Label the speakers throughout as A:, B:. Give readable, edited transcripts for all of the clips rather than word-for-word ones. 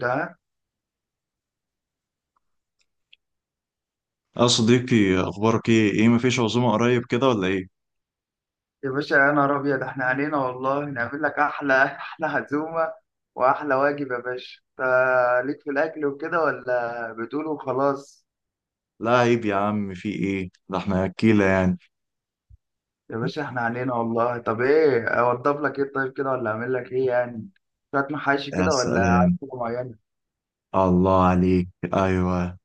A: ده،
B: يا صديقي، اخبارك ايه؟ ايه، مفيش عزومه قريب كده ولا ايه؟
A: يا باشا يا نهار ابيض احنا علينا والله نعمل لك احلى احلى عزومه، واحلى واجب يا باشا. فليك في الاكل وكده ولا بتقول وخلاص؟
B: لا عيب يا عم، في ايه ده؟ احنا اكيله يعني.
A: يا باشا احنا علينا والله. طب ايه اوضب لك، ايه طيب كده ولا اعمل لك ايه يعني؟ شويه محاشي
B: يا
A: كده ولا عايز
B: سلام.
A: حاجه معينه؟
B: الله عليك. ايوه.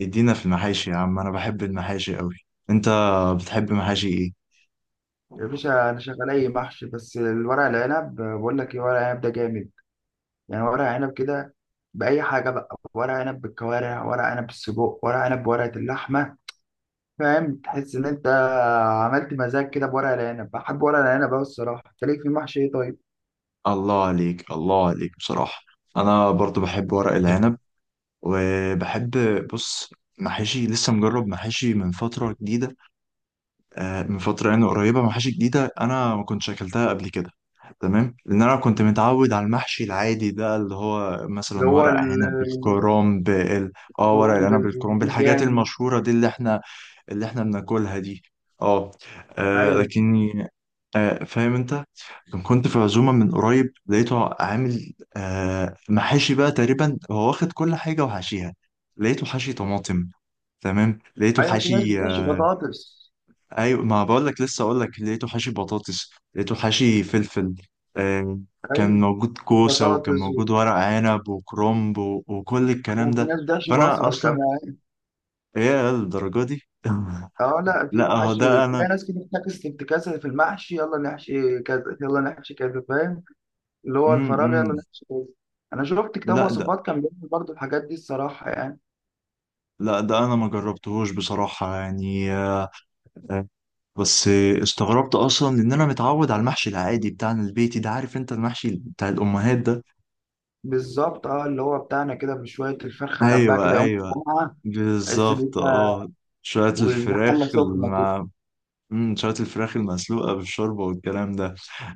B: ادينا في المحاشي يا عم، انا بحب المحاشي قوي. انت بتحب محاشي ايه؟
A: يا باشا انا شغال اي محشي، بس الورق العنب، بقول لك ايه، ورق العنب ده جامد. يعني ورق عنب كده باي حاجه بقى، ورق عنب بالكوارع، ورق عنب بالسجق، ورق عنب بورقه اللحمه. فاهم؟ تحس ان انت عملت مزاج كده بورق العنب. بحب ورق العنب قوي الصراحه. انت ليك في محشي ايه طيب؟
B: الله عليك، الله عليك، بصراحه. انا برضو بحب ورق العنب، وبحب. بص، محاشي لسه مجرب محاشي من فتره جديده. من فتره يعني قريبه، محاشي جديده انا ما كنتش اكلتها قبل كده. تمام، لان انا كنت متعود على المحشي العادي ده، اللي هو
A: اللي
B: مثلا
A: هو
B: ورق عنب بالكرنب اه ورق
A: الكرنب
B: العنب بالكرنب، الحاجات
A: بالبتنجان.
B: المشهوره دي اللي احنا، اللي احنا بناكلها دي. اه.
A: ايوه
B: لكن، فاهم انت؟ كنت في عزومه من قريب، لقيته عامل محاشي بقى، تقريبا هو واخد كل حاجه وحاشيها. لقيته حاشي طماطم. تمام، لقيته
A: ايوه، في ناس
B: حاشي
A: بتحشي
B: آه،
A: بطاطس.
B: ايوه، ما بقول لك، لسه اقول لك، لقيته حاشي بطاطس، لقيته حاشي فلفل. آه كان
A: ايوه،
B: موجود كوسه، وكان
A: بطاطس
B: موجود ورق عنب وكرنب وكل الكلام
A: وفي
B: ده.
A: ناس بتحشي
B: فانا
A: بصل
B: اصلا،
A: كمان.
B: ايه الدرجه دي؟
A: اه لا، في
B: لا هو
A: محاشي،
B: ده
A: في
B: انا.
A: ناس كده بتعكس انتكاسه في المحشي، يلا نحشي كذا يلا نحشي كذا، فاهم؟ اللي هو الفراغ، يلا
B: امم
A: نحشي كذا. انا شفت كتاب
B: لا ده
A: وصفات كان بيعمل برضه الحاجات دي الصراحه يعني.
B: لا ده انا ما جربتهوش بصراحه، يعني آه، بس، استغربت اصلا ان انا متعود على المحشي العادي بتاعنا البيتي ده، عارف انت المحشي بتاع الامهات ده.
A: بالظبط، اه، اللي هو بتاعنا كده بشوية الفرخة جنبها
B: ايوه،
A: كده يوم
B: ايوه.
A: الجمعة. تحس إن
B: بالظبط،
A: أنت
B: اه. شوية الفراخ
A: والحلة سخنة كده.
B: شوية الفراخ المسلوقة بالشوربة والكلام ده.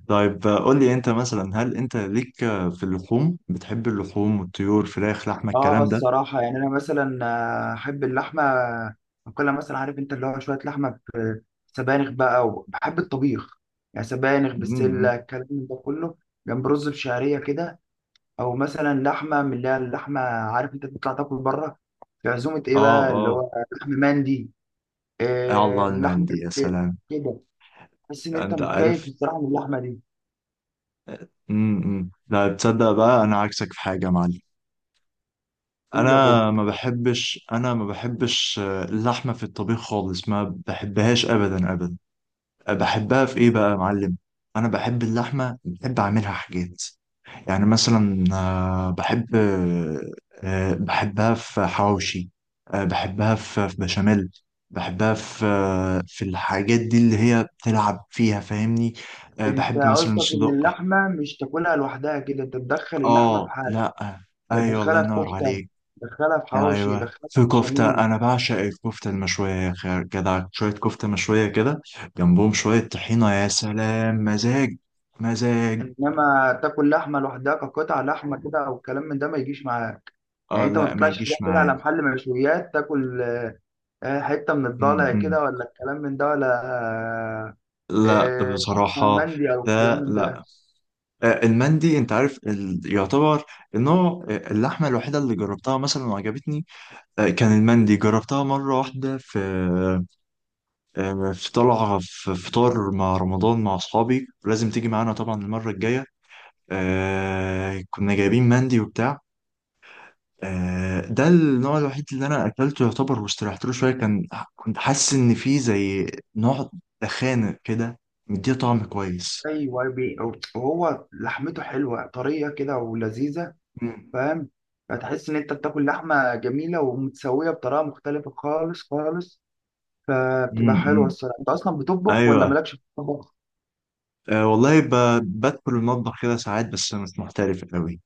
B: طيب، قول لي انت مثلا، هل انت ليك في اللحوم؟ بتحب اللحوم والطيور، فراخ لحمة
A: اه
B: الكلام ده؟
A: الصراحة يعني أنا مثلا أحب اللحمة، أكلها مثلا، عارف أنت، اللي هو شوية لحمة في سبانخ بقى. وبحب الطبيخ، يعني سبانخ
B: مم.
A: بسلة الكلام ده كله، جنب رز بشعرية كده. أو مثلا لحمة من اللي هي اللحمة، عارف أنت، بتطلع تاكل بره في عزومة، إيه
B: اه،
A: بقى اللي
B: اه.
A: هو لحم مندي.
B: يا
A: آه
B: الله،
A: اللحمة
B: المندي يا سلام.
A: كده، تحس إن أنت
B: انت
A: متكيف
B: عارف.
A: الصراحة من اللحمة دي.
B: لا، تصدق بقى انا عكسك في حاجة يا معلم.
A: قول يا بابا.
B: انا ما بحبش اللحمة في الطبيخ خالص، ما بحبهاش ابدا ابدا. بحبها في ايه بقى يا معلم؟ انا بحب اللحمه، بحب اعملها حاجات. يعني مثلا، بحب، بحبها في حواوشي، بحبها في بشاميل، بحبها في في الحاجات دي اللي هي بتلعب فيها، فاهمني.
A: انت
B: بحب مثلا
A: قصدك ان
B: صدق.
A: اللحمه مش تاكلها لوحدها كده، انت تدخل اللحمه في
B: اه
A: حاجه،
B: لا. ايوه، الله
A: تدخلها في
B: ينور
A: كفته،
B: عليك.
A: تدخلها في حواوشي،
B: ايوه،
A: تدخلها في
B: في كفته،
A: بشاميل.
B: انا بعشق الكفته المشويه يا اخي، جدع شويه كفته مشويه كده، جنبهم شويه طحينه، يا سلام مزاج، مزاج.
A: انما تاكل لحمه لوحدها كقطع لحمه كده او الكلام من ده ما يجيش معاك. يعني
B: اه
A: انت ما
B: لا، ما
A: تطلعش تروح
B: يجيش
A: كده على
B: معايا.
A: محل مشويات تاكل حته من الضلع
B: م- م.
A: كده، ولا الكلام من ده، ولا
B: لا بصراحه،
A: مندي، او الكلام
B: ده
A: من ده.
B: لا. المندي انت عارف يعتبر النوع، اللحمه الوحيده اللي جربتها مثلا وعجبتني، كان المندي. جربتها مره واحده في، في طلعه في فطار مع رمضان مع اصحابي. لازم تيجي معانا طبعا المره الجايه. كنا جايبين مندي وبتاع. ده النوع الوحيد اللي انا اكلته يعتبر، واستريحت له شويه. كان كنت حاسس ان فيه زي نوع دخانه كده، مديه طعم كويس.
A: ايوه وهو لحمته حلوه طريه كده ولذيذه.
B: مم.
A: فاهم؟ فتحس ان انت بتاكل لحمه جميله ومتسويه بطريقه مختلفه خالص خالص،
B: مم.
A: فبتبقى حلوه
B: مم.
A: الصراحه. انت اصلا بتطبخ ولا
B: ايوه.
A: مالكش في الطبخ؟
B: والله، بدخل المطبخ كده ساعات بس مش محترف قوي،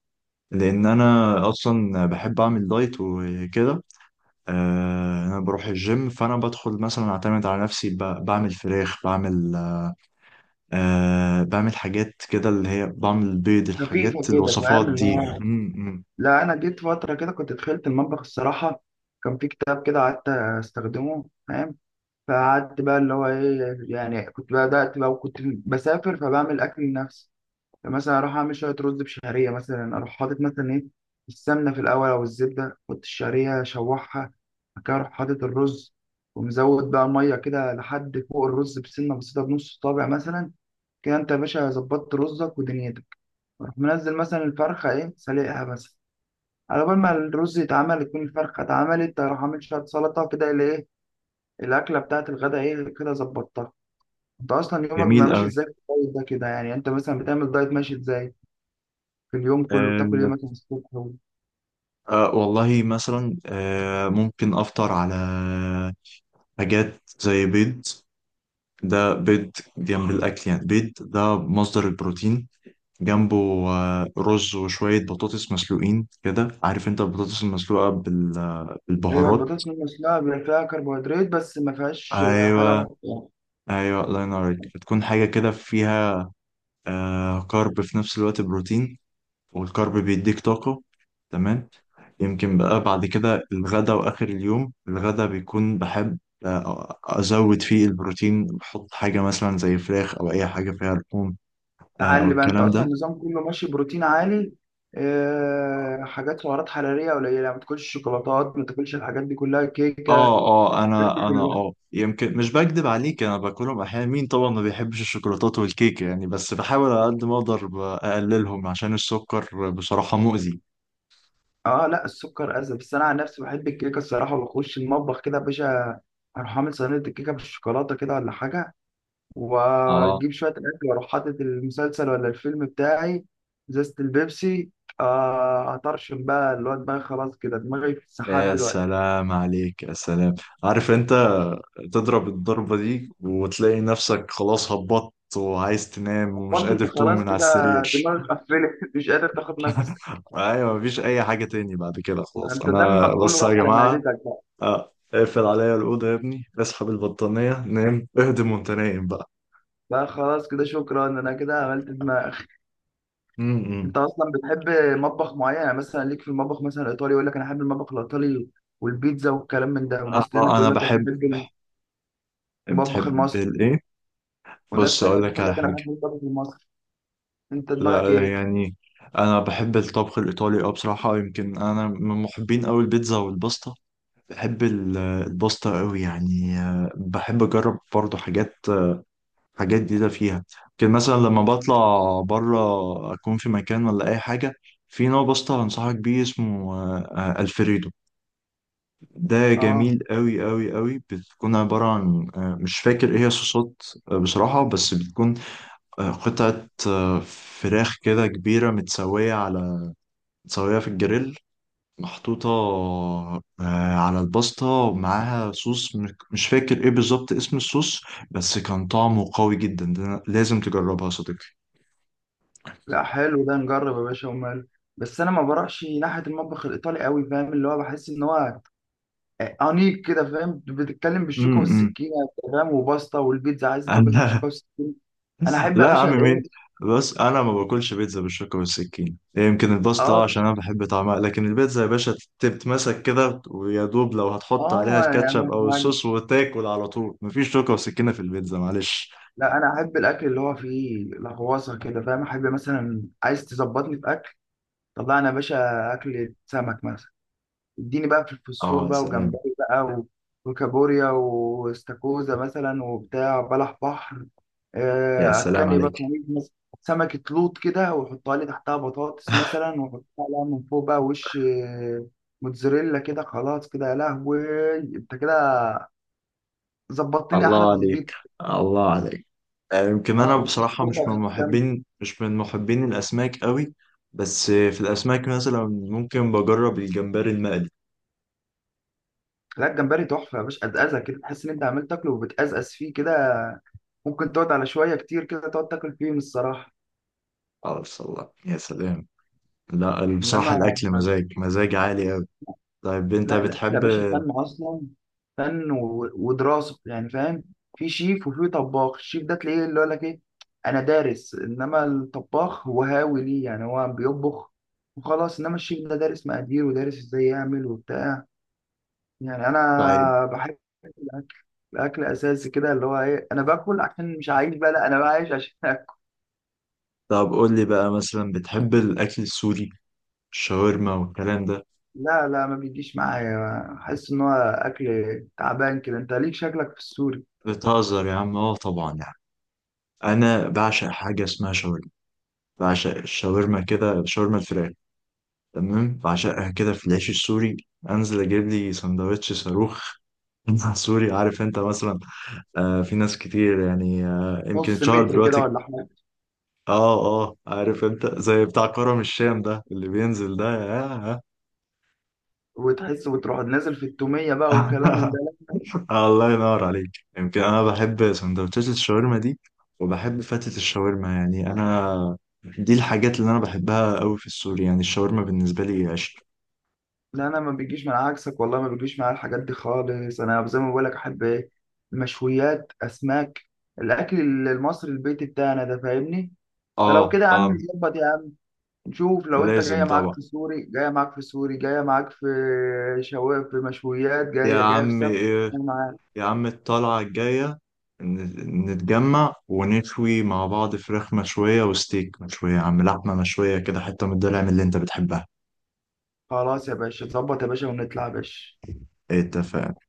B: لان انا اصلا بحب اعمل دايت وكده. انا بروح الجيم، فانا بدخل مثلا اعتمد على نفسي، بعمل فراخ، بعمل حاجات كده اللي هي، بعمل بيض، الحاجات
A: خفيفه كده فاهم،
B: الوصفات
A: اللي
B: دي.
A: هو، لا انا جيت فتره كده كنت دخلت المطبخ الصراحه. كان في كتاب كده قعدت استخدمه، فاهم؟ فقعدت بقى اللي هو ايه يعني، كنت بدات بقى وكنت بسافر، فبعمل اكل لنفسي. يعني مثلا اروح اعمل شويه رز بشعريه، مثلا اروح حاطط مثلا ايه، السمنه في الاول او الزبده، احط الشعريه اشوحها، بعد كده اروح حاطط الرز، ومزود بقى ميه كده لحد فوق الرز بسنه بسيطه، بنص صابع مثلا. كده انت يا باشا ظبطت رزك ودنيتك. اروح منزل مثلا الفرخه، ايه، سلقها بس، على بال ما الرز يتعمل تكون الفرخه اتعملت، اروح اعمل شويه سلطه كده، اللي ايه، الاكله بتاعت الغداء ايه كده ظبطتها. انت اصلا يومك
B: جميل
A: بيبقى ماشي
B: قوي.
A: ازاي في الدايت ده كده؟ يعني انت مثلا بتعمل دايت ماشي ازاي في اليوم كله؟ بتاكل ايه
B: أه
A: مثلا الصبح
B: أه، والله مثلا ممكن افطر على حاجات زي بيض، ده بيض جنب الاكل يعني، بيض ده مصدر البروتين، جنبه رز وشوية بطاطس مسلوقين كده، عارف انت البطاطس المسلوقة
A: ايوه،
B: بالبهارات.
A: البطاطس المسلوقه بيبقى فيها كربوهيدرات، بس ما فيهاش حاجه
B: ايوه،
A: يعني.
B: ايوه، الله ينور عليك، بتكون حاجة كده فيها كارب في نفس الوقت بروتين، والكارب بيديك طاقة. تمام. يمكن بقى بعد كده، الغدا وآخر اليوم، الغدا بيكون بحب أزود فيه البروتين، بحط حاجة مثلا زي فراخ أو أي حاجة فيها لحوم، أو
A: تعلي بقى، انت
B: الكلام
A: اصلا
B: ده.
A: النظام كله ماشي بروتين عالي، حاجات سعرات حراريه قليله، ما تاكلش شوكولاتات، ما تاكلش الحاجات دي كلها، كيكه،
B: اه، اه،
A: الحاجات دي
B: انا
A: كلها.
B: يمكن مش بكدب عليك، انا باكلهم احيانا. مين طبعا ما بيحبش الشوكولاتات والكيك يعني؟ بس بحاول على قد ما اقدر اقللهم، عشان السكر بصراحة مؤذي.
A: اه لا، السكر اذى، بس انا عن نفسي بحب الكيكه الصراحه، وبخش المطبخ كده يا باشا، اروح اعمل صينيه الكيكه بالشوكولاته كده ولا حاجه،
B: اه،
A: واجيب شويه اكل، واروح حاطط المسلسل ولا الفيلم بتاعي، ازازه البيبسي، اطرشم بقى، اللي هو دماغي خلاص كده، دماغي في السحاب
B: يا
A: دلوقتي.
B: سلام عليك، يا سلام. عارف انت، تضرب الضربة دي وتلاقي نفسك خلاص هبطت، وعايز تنام ومش
A: وانت
B: قادر تقوم
A: خلاص
B: من على
A: كده،
B: السرير.
A: دماغك قفلت، مش قادر تاخد نفسك.
B: ايوه، مفيش اي حاجة تاني بعد كده، خلاص
A: انت
B: انا
A: دمك كله
B: بس يا
A: راح على
B: جماعة
A: معدتك بقى.
B: اقفل عليا الأوضة يا ابني، اسحب البطانية، نام اهدم وانت نايم بقى.
A: بقى خلاص كده شكرا، انا كده عملت دماغ.
B: امم
A: انت اصلا بتحب مطبخ معين؟ يعني مثلا ليك في المطبخ مثلا الايطالي، يقول لك انا احب المطبخ الايطالي والبيتزا والكلام من ده، وناس تانية
B: انا
A: تقول لك انا
B: بحب.
A: احب المطبخ
B: بتحب
A: المصري،
B: الايه؟
A: وناس
B: بص
A: تانية
B: اقول لك
A: تقول
B: على
A: لك انا
B: حاجة.
A: احب المطبخ المصري. انت دماغك
B: لا
A: ايه؟
B: يعني، انا بحب الطبخ الايطالي، اه بصراحة، يمكن انا من محبين قوي البيتزا والباستا. بحب الباستا قوي، يعني بحب اجرب برضو حاجات، حاجات جديده فيها. لكن مثلا لما بطلع بره، اكون في مكان ولا اي حاجه، في نوع باستا هنصحك بيه اسمه الفريدو. ده
A: اه
B: جميل قوي قوي قوي، بتكون عباره عن مش فاكر ايه هي الصوصات. بصراحه، بس بتكون قطعه فراخ كده كبيره، متسويه في الجريل، محطوطة على الباستا، ومعاها صوص مش فاكر ايه بالظبط اسم الصوص، بس كان طعمه قوي جدا. ده أنا لازم تجربها يا صديقي.
A: لا حلو ده، نجرب يا باشا ومال. بس انا ما بروحش ناحيه المطبخ الايطالي قوي، فاهم؟ اللي هو بحس ان هو انيق كده، فاهم؟ بتتكلم بالشوكه
B: امم
A: والسكينه، فاهم؟ وباستا والبيتزا عايز تاكل
B: انا.
A: بالشوكه والسكينه. انا احب يا
B: لا يا
A: باشا
B: عم
A: الايه،
B: مين، بس انا ما باكلش بيتزا بالشوكة والسكينة، إيه، يمكن الباستا
A: اه
B: عشان انا بحب طعمها، لكن البيتزا يا باشا تتمسك كده، ويا دوب لو هتحط
A: اه،
B: عليها
A: يا عم
B: الكاتشب او
A: الحاج.
B: الصوص وتاكل على طول، مفيش شوكة وسكينة في البيتزا معلش.
A: لا انا احب الاكل اللي هو فيه لغواصه كده، فاهم؟ احب مثلا، عايز تظبطني في اكل، طلعنا يا باشا اكل سمك مثلا، اديني بقى في الفسفور
B: اه، يا
A: بقى،
B: سلام،
A: وجمبري بقى وكابوريا واستاكوزا مثلا، وبتاع بلح بحر،
B: يا سلام
A: اكلني بقى
B: عليك.
A: صينية مثلا سمكة لوط كده، وحطها لي تحتها بطاطس مثلا، وحطها لها من فوق بقى وش، موتزاريلا كده. خلاص كده يا لهوي، انت كده ظبطتني احلى
B: الله
A: تظبيط.
B: عليك، الله عليك. يمكن
A: اه
B: انا بصراحه،
A: والفسفور بقى في السمنة.
B: مش من محبين الاسماك قوي. بس في الاسماك مثلا، ممكن بجرب الجمبري المقلي.
A: لا الجمبري تحفة يا باشا، قزقزة كده، تحس ان انت عمال تاكله وبتقزقز فيه كده، ممكن تقعد على شوية كتير كده تقعد تاكل فيهم الصراحة.
B: اه، الله يا سلام. لا
A: انما،
B: بصراحه الاكل مزاج، مزاج عالي قوي. طيب انت
A: لا الاكل يا
B: بتحب.
A: باشا فن اصلا، فن ودراسه يعني، فاهم؟ في شيف وفي طباخ. الشيف ده تلاقيه اللي يقول لك ايه، انا دارس. انما الطباخ هو هاوي، ليه؟ يعني هو بيطبخ وخلاص، انما الشيف ده دارس مقادير ودارس ازاي يعمل وبتاع. يعني
B: طيب،
A: انا بحب الاكل، الاكل اساسي كده، اللي هو ايه، انا باكل عشان مش عايش بقى، لا انا عايش عشان اكل.
B: قول لي بقى مثلا، بتحب الاكل السوري؟ الشاورما والكلام ده؟
A: لا لا ما بيجيش معايا، احس ان هو اكل تعبان كده. انت ليك شكلك في السوري،
B: بتهزر يا عم، اه طبعا يعني. انا بعشق حاجه اسمها شاورما، بعشق الشاورما كده، شاورما الفراخ. تمام، بعشقها كده في العيش السوري. انزل اجيب لي سندوتش صاروخ. سوري، عارف انت مثلا، آه في ناس كتير يعني، آه يمكن
A: نص
B: اتشهر
A: متر كده
B: دلوقتي.
A: ولا حاجه،
B: اه، اه، عارف انت، زي بتاع كرم الشام ده اللي بينزل ده، يا.
A: وتحس وتروح نازل في التومية بقى والكلام من ده.
B: الله ينور عليك. يمكن انا بحب سندوتشات الشاورما دي، وبحب فتة الشاورما. يعني انا، دي الحاجات اللي انا بحبها قوي في السوري، يعني الشاورما بالنسبة لي عشق.
A: لا انا ما بيجيش، من عكسك والله ما بيجيش معايا الحاجات دي خالص. انا زي ما بقول لك احب ايه، مشويات، اسماك، الاكل المصري البيتي بتاعنا ده، فاهمني؟ فلو
B: اه
A: كده يا عم
B: طبعا.
A: نظبط يا عم، نشوف لو انت
B: لازم
A: جايه معاك
B: طبعا.
A: في سوري، جايه معاك في سوري، جايه معاك في شواف، في مشويات،
B: يا
A: جايه في
B: عمي،
A: سمك،
B: إيه؟
A: أنا معاك.
B: يا عم الطلعة الجاية، نتجمع ونشوي مع بعض، فراخ مشوية وستيك مشوية يا عم، لحمة مشوية كده، حتة من الضلع من اللي انت بتحبها.
A: خلاص يا باشا اتظبط يا باشا ونطلع يا باشا.
B: اتفق.